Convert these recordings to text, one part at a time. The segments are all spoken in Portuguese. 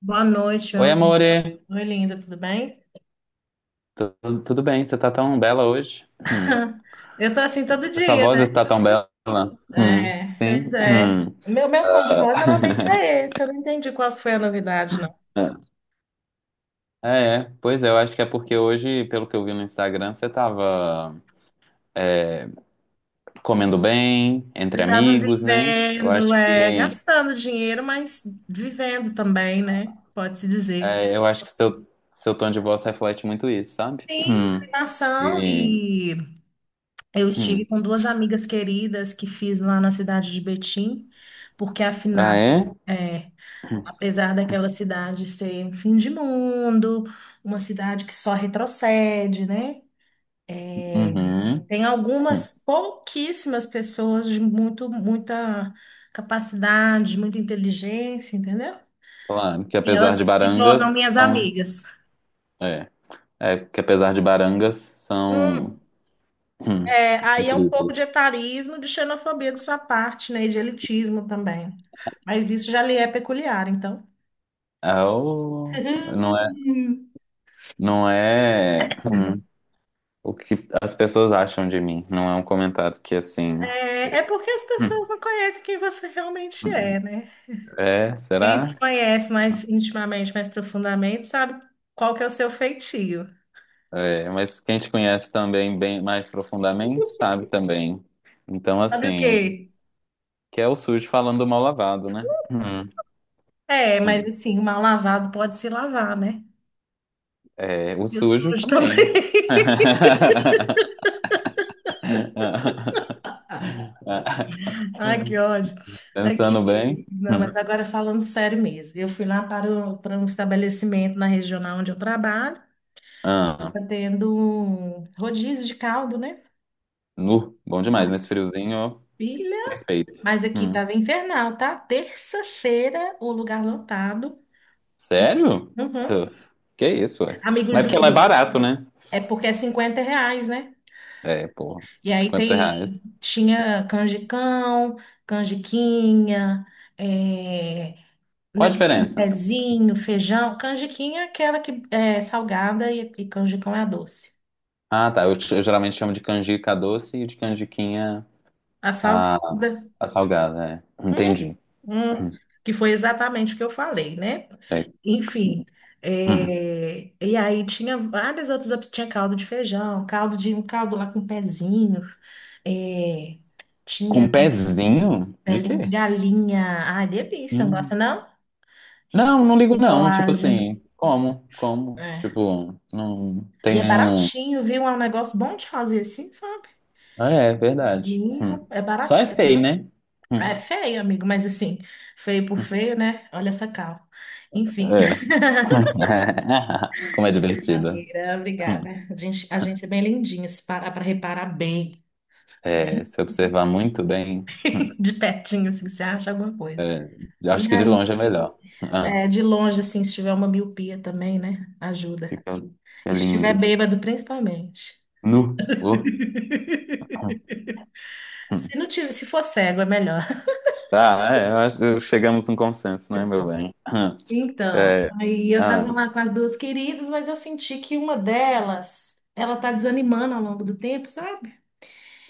Boa noite, meu Oi, amor. amore. Oi, linda, tudo bem? Tu- Tudo bem? Você tá tão bela hoje? Hum. Eu tô assim todo Sua dia, voz né? está tão bela? Hum. É, pois Sim? é. Hum. Meu tom de voz geralmente é esse, eu não entendi qual foi a novidade, não. É. Pois é, eu acho que é porque hoje, pelo que eu vi no Instagram, você tava comendo bem, entre Eu tava amigos, né? Eu vivendo, acho que, gastando dinheiro, mas vivendo também, né? Pode-se dizer. é, eu acho que seu tom de voz reflete muito isso, sabe? Sim, Hum. animação. E, E eu estive hum. com duas amigas queridas que fiz lá na cidade de Betim, porque Ah, afinal. é? é, Apesar daquela cidade ser um fim de mundo, uma cidade que só retrocede, né? É, Uhum. Tem Hum. algumas pouquíssimas pessoas de muito, muita capacidade, muita inteligência, entendeu? Claro, que E elas apesar de se tornam barangas, minhas são. amigas. É, é, que apesar de barangas, são. Hum, Hum, aí é um pouco de incríveis. etarismo, de xenofobia de sua parte, né? E de elitismo também. Mas isso já lhe é peculiar, então. É o. Não é, não é o que as pessoas acham de mim. Não é um comentário que assim. É, é porque as hum, pessoas não conhecem quem você realmente é, né? É, Quem te será? conhece mais intimamente, mais profundamente, sabe qual que é o seu feitio. É, mas quem te conhece também bem mais profundamente sabe também. Então, Sabe o assim, quê? que é o sujo falando mal lavado, né? É, mas hum. assim, o mal lavado pode se lavar, né? É, o E o sujo sujo também. também. Ai, que ódio. Pensando bem. Aqui, não, Hum. mas agora falando sério mesmo, eu fui lá para um estabelecimento na regional onde eu trabalho, Ah. tá tendo um rodízio de caldo, né? Nu, bom demais, nesse Nossa, friozinho, filha, perfeito. mas aqui Hum. tava infernal, tá? Terça-feira, o lugar lotado. Sério? Uhum. Hã, que isso, ué? Amigo, Mas é porque ela é juro. barato, né? É porque é R$ 50, né? É, pô, E aí 50 tem, reais. tinha canjicão, canjiquinha, é, Qual a negócio de diferença? pezinho, feijão. Canjiquinha é aquela que é salgada e canjicão é a doce. Ah, tá, eu geralmente chamo de canjica doce e de canjiquinha A a, salgada, a salgada, é. hum, Entendi. hum, que foi exatamente o que eu falei, né? É. Enfim, Hum. E aí tinha várias outras opções. Tinha caldo de feijão, caldo de um caldo lá com pezinho, é, Com tinha pezinho? De pezinho de quê? galinha. Ai, delícia, não gosta Hum. não? Rico Não, não ligo em não, tipo colágeno. assim, como, É. tipo, não tem E é nenhum. baratinho, viu? É um negócio bom de fazer assim, sabe? Ah, é, verdade. Hum. Vinho, é Só é baratinho. feio, né? É Hum. feio, amigo, mas assim, feio por feio, né? Olha essa cal. Enfim, É. Como é divertida. brincadeira, obrigada. A gente é bem lindinha, se parar para reparar bem, É, se observar muito bem, de pertinho, assim, você acha alguma coisa. é, acho E que de aí, longe é melhor. Ah, de longe, assim, se tiver uma miopia também, né? Ajuda. fica, fica E se estiver lindo. bêbado, principalmente. Nu. Se não tiver, se for cego, é melhor. Tá, é, eu acho que chegamos num consenso, né, meu bem? Então, É, aí eu ah, tava lá com as duas queridas, mas eu senti que uma delas, ela tá desanimando ao longo do tempo, sabe?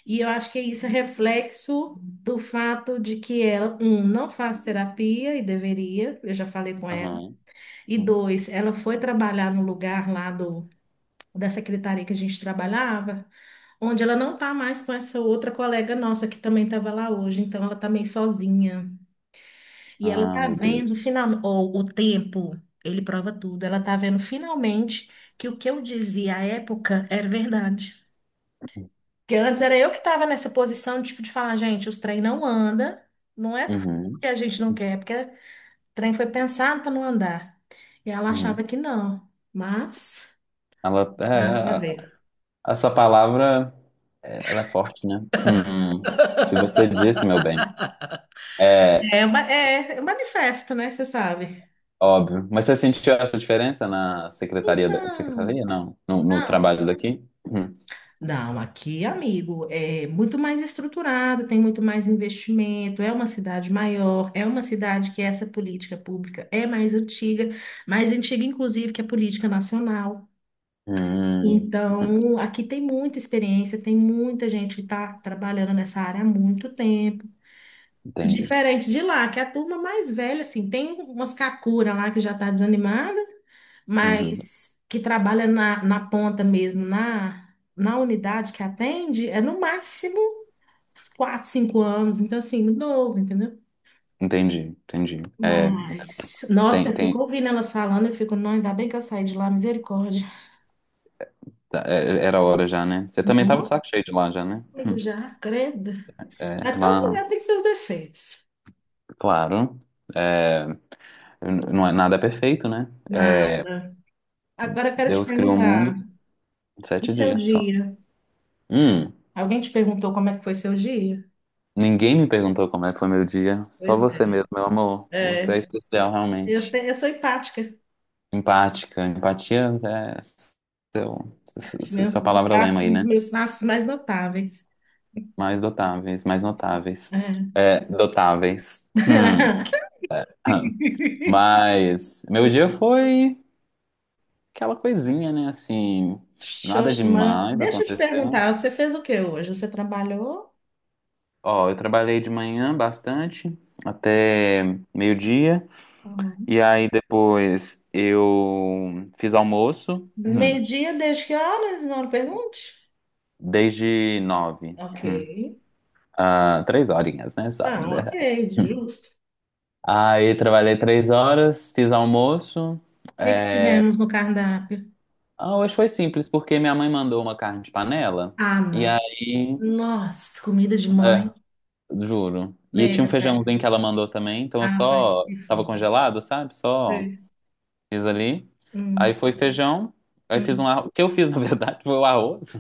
E eu acho que é isso é reflexo do fato de que ela, um, não faz terapia e deveria, eu já falei com ela. uhum. E dois, ela foi trabalhar no lugar lá do, da secretaria que a gente trabalhava, onde ela não tá mais com essa outra colega nossa que também tava lá hoje, então ela tá meio sozinha. E ela Ah, tá meu vendo Deus. finalmente, o tempo, ele prova tudo. Ela tá vendo finalmente que o que eu dizia à época era verdade. Porque antes era eu que estava nessa posição, tipo, de falar, gente, os trem não anda, não é Uhum, porque a gente não quer, é porque o trem foi pensado para não andar. E ela uhum. achava que não, mas Ela, é, tá lá pra a- ver. Essa palavra, é, ela é forte, né? Uhum. Se você disse, meu bem. É. É, é um manifesto, né? Você sabe. Óbvio. Mas você sentiu essa diferença na secretaria? Então, Secretaria? Não. No não. trabalho daqui? Hum. Não, aqui, amigo, é muito mais estruturado, tem muito mais investimento, é uma cidade maior, é uma cidade que essa política pública é mais antiga, inclusive, que a política nacional. Hum. Hum. Então, aqui tem muita experiência, tem muita gente que está trabalhando nessa área há muito tempo. Entendi. Diferente de lá, que a turma mais velha, assim, tem umas cacuras lá que já está desanimada, Uhum. mas que trabalha na ponta mesmo, na unidade que atende, é no máximo uns 4, 5 anos. Então, assim, muito novo, entendeu? Entendi, entendi. É, então, Mas, nossa, tem, eu fico tem, ouvindo elas falando, eu fico, não, ainda bem que eu saí de lá, misericórdia. tá, é, era hora já, né? Você também tava de Não, saco cheio de lá já, né? amigo, Hum. já, credo. É, A todo lá, lugar tem seus defeitos. claro. É, não é nada é perfeito, né? É, Nada. Agora eu quero te Deus criou o perguntar, mundo em e sete seu dias só. dia? Hum, Alguém te perguntou como é que foi seu dia? ninguém me perguntou como é que foi meu dia. Só Pois você é. mesmo, meu amor. Você é É, especial, eu, realmente. te- eu sou empática. Empática. Empatia é seu, su- Meu, sua meu palavra lema braço, aí, um dos né? meus traços mais notáveis. Mais dotáveis, mais notáveis. É. É, dotáveis. Hum. Mas meu dia foi aquela coisinha, né? Assim, nada Xoxa, mano. demais Deixa eu te aconteceu. perguntar, você fez o que hoje? Você trabalhou? Ó, eu trabalhei de manhã bastante, até meio-dia. Uhum. E aí depois eu fiz almoço. Meio-dia, desde que horas? Não pergunte. Desde nove. Ok. hum, Ah, três horinhas, né? Só, na Não, verdade. ok, justo. O Aí trabalhei 3 horas, fiz almoço. que que tivemos no cardápio? Ah, hoje foi simples, porque minha mãe mandou uma carne de panela. Ah, E não. aí, Nossa, comida de mãe. é, juro. E tinha um Nega, velho. feijãozinho que ela mandou também, então eu Ah, faz só que tava foda. congelado, sabe? Só Sei. fiz ali. Aí Hum, foi feijão, aí fiz um hum. arroz. O que eu fiz, na verdade, foi o arroz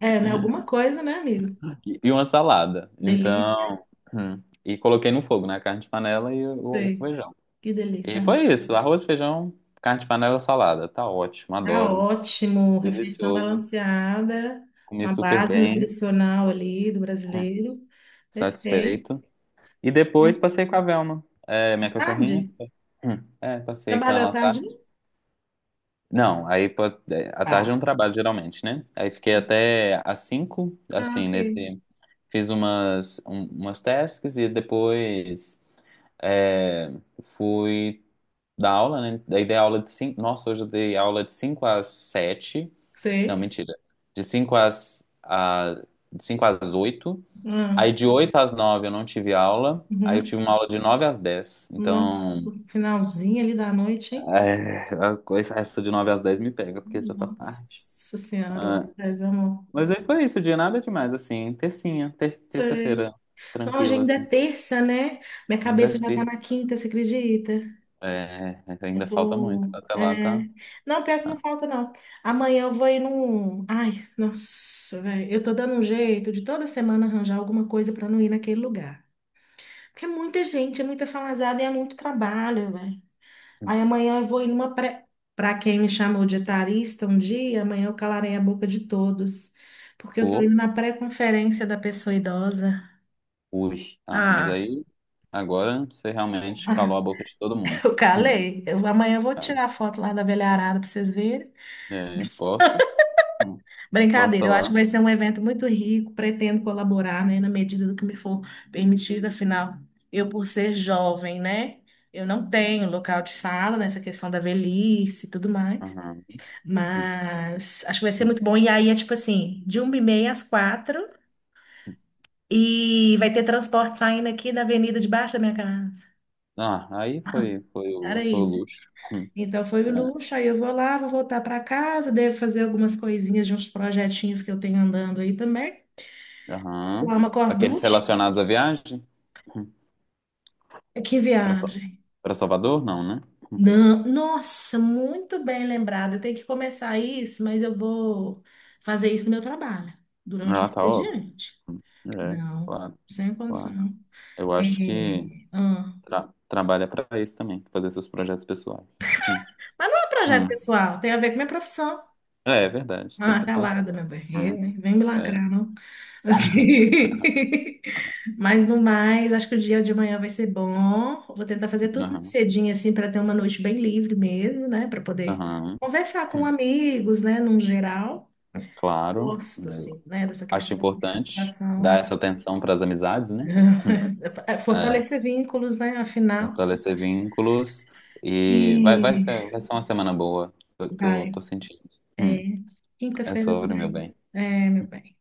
É, né? Alguma coisa, né, amigo? e uma salada. Delícia. Então, e coloquei no fogo, né? A carne de panela e o Sei. feijão. Que E delícia. foi isso, arroz, feijão, carne de panela, salada. Tá ótimo, Tá adoro. ótimo, refeição Delicioso. balanceada, com Comi a super base bem, nutricional ali do hum, brasileiro. Perfeito. satisfeito. E É, depois passei com a Velma, minha cachorrinha. tarde? É, passei com Trabalhou à ela à tarde? tarde. Não, aí à Ah, tarde é um trabalho geralmente, né? Aí fiquei ok. até às 5 Ah, assim, ok. nesse. Fiz umas tasks e depois é, fui dar aula, né? Daí dei aula de cinco. Nossa, hoje eu dei aula de 5 às sete. Não, Sei. mentira. De 5 às, a, de 5 às oito. Ah, Aí de 8 às 9 eu não tive aula. Aí eu tive uhum. uma aula de nove às dez. Então, Nossa, finalzinho ali da noite, hein? A coisa, essa de 9 às 10 me pega, porque já tá tarde. Nossa Senhora, Ah, mas, amor. mas aí foi isso, de nada demais, assim. Tercinha, Sei. terça-feira, Não, hoje tranquila, ainda assim. é terça, né? Minha Ainda é cabeça já tá ter, na quinta, você acredita? é, Eu ainda falta muito. tô. Até É... lá tá. Não, pior que não tá. falta, não. Amanhã eu vou ir num. Ai, nossa, velho. Eu tô dando um jeito de toda semana arranjar alguma coisa pra não ir naquele lugar. Porque é muita gente, é muita falazada e é muito trabalho, velho. Aí amanhã eu vou ir numa pré. Pra quem me chamou de etarista um dia, amanhã eu calarei a boca de todos. Porque eu tô Por. indo na pré-conferência da pessoa idosa. Ui. Ah, mas Ah, aí agora você realmente calou a boca de todo mundo. eu Hum. calei. Amanhã eu vou tirar a foto lá da velharada pra vocês verem. É, posta. Hum. Posta Brincadeira, eu acho que lá. vai ser um evento muito rico, pretendo colaborar, né, na medida do que me for permitido, afinal, eu por ser jovem, né, eu não tenho local de fala nessa questão da velhice e tudo mais, Aham. Hum, mas acho que vai ser hum. muito bom, e aí é tipo assim, de 1h30 às quatro, e vai ter transporte saindo aqui da avenida debaixo da minha casa. Ah, aí foi, foi, Era o, foi o aí, né? luxo. Então foi o É. luxo, aí eu vou lá, vou voltar para casa, devo fazer algumas coisinhas de uns projetinhos que eu tenho andando aí também. Aham. Lá uma Aqueles corducha. relacionados à viagem? Hum. Que Pra, Sa- viagem. pra Salvador? Não, né? Não, nossa, muito bem lembrado. Eu tenho que começar isso, mas eu vou fazer isso no meu trabalho, durante o Ah, meu tá óbvio. expediente. Hum, É, Não, claro, sem claro. condição. Eu É, acho que ah. Trabalha pra isso também, fazer seus projetos pessoais. Hum, Mas não é projeto hum. pessoal, tem a ver com minha profissão. É verdade. Então Ah, então tá. calada, meu bem. É, Hum, né? Vem me é, lacrar, não? Aqui. Mas no mais, acho que o dia de amanhã vai ser bom. Vou tentar fazer tudo mais aham, cedinho, assim, para ter uma noite bem livre mesmo, né? Para poder aham, conversar com amigos, né? Num geral. claro. Gosto, Eu assim, né? Dessa acho questão da importante socialização. dar É... essa atenção para as amizades, né? Hum, é é. fortalecer vínculos, né? Afinal. Fortalecer vínculos e vai, vai E ser, vai ser uma semana boa. Eu tô, vai. tô sentindo. Hum, é Quinta-feira sobre, meu também. bem. É, meu bem.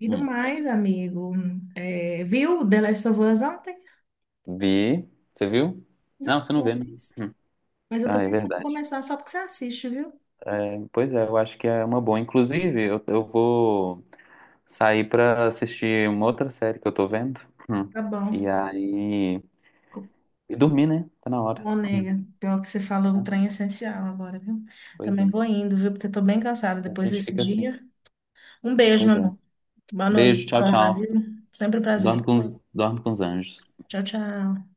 E do Hum. mais, amigo, viu The Last of Us ontem? Vi, você viu? Não, você não Não vê, né? assisto. Hum. Mas eu tô Ah, é pensando em verdade. começar só porque você assiste, viu? É, pois é, eu acho que é uma boa. Inclusive, eu vou sair pra assistir uma outra série que eu tô vendo. Hum. Tá E bom. aí. E dormir, né? Tá na hora. Bom, Hum. nega. Pior que você falou, um É, trem essencial agora, viu? pois é. Também vou indo, viu? Porque eu tô bem cansada A depois gente desse fica assim. dia. Um beijo, meu Pois é. amor. Boa noite, Beijo, tchau, Tona, tchau. viu? Sempre um Dorme prazer. com os, dorme com os anjos. Tchau, tchau.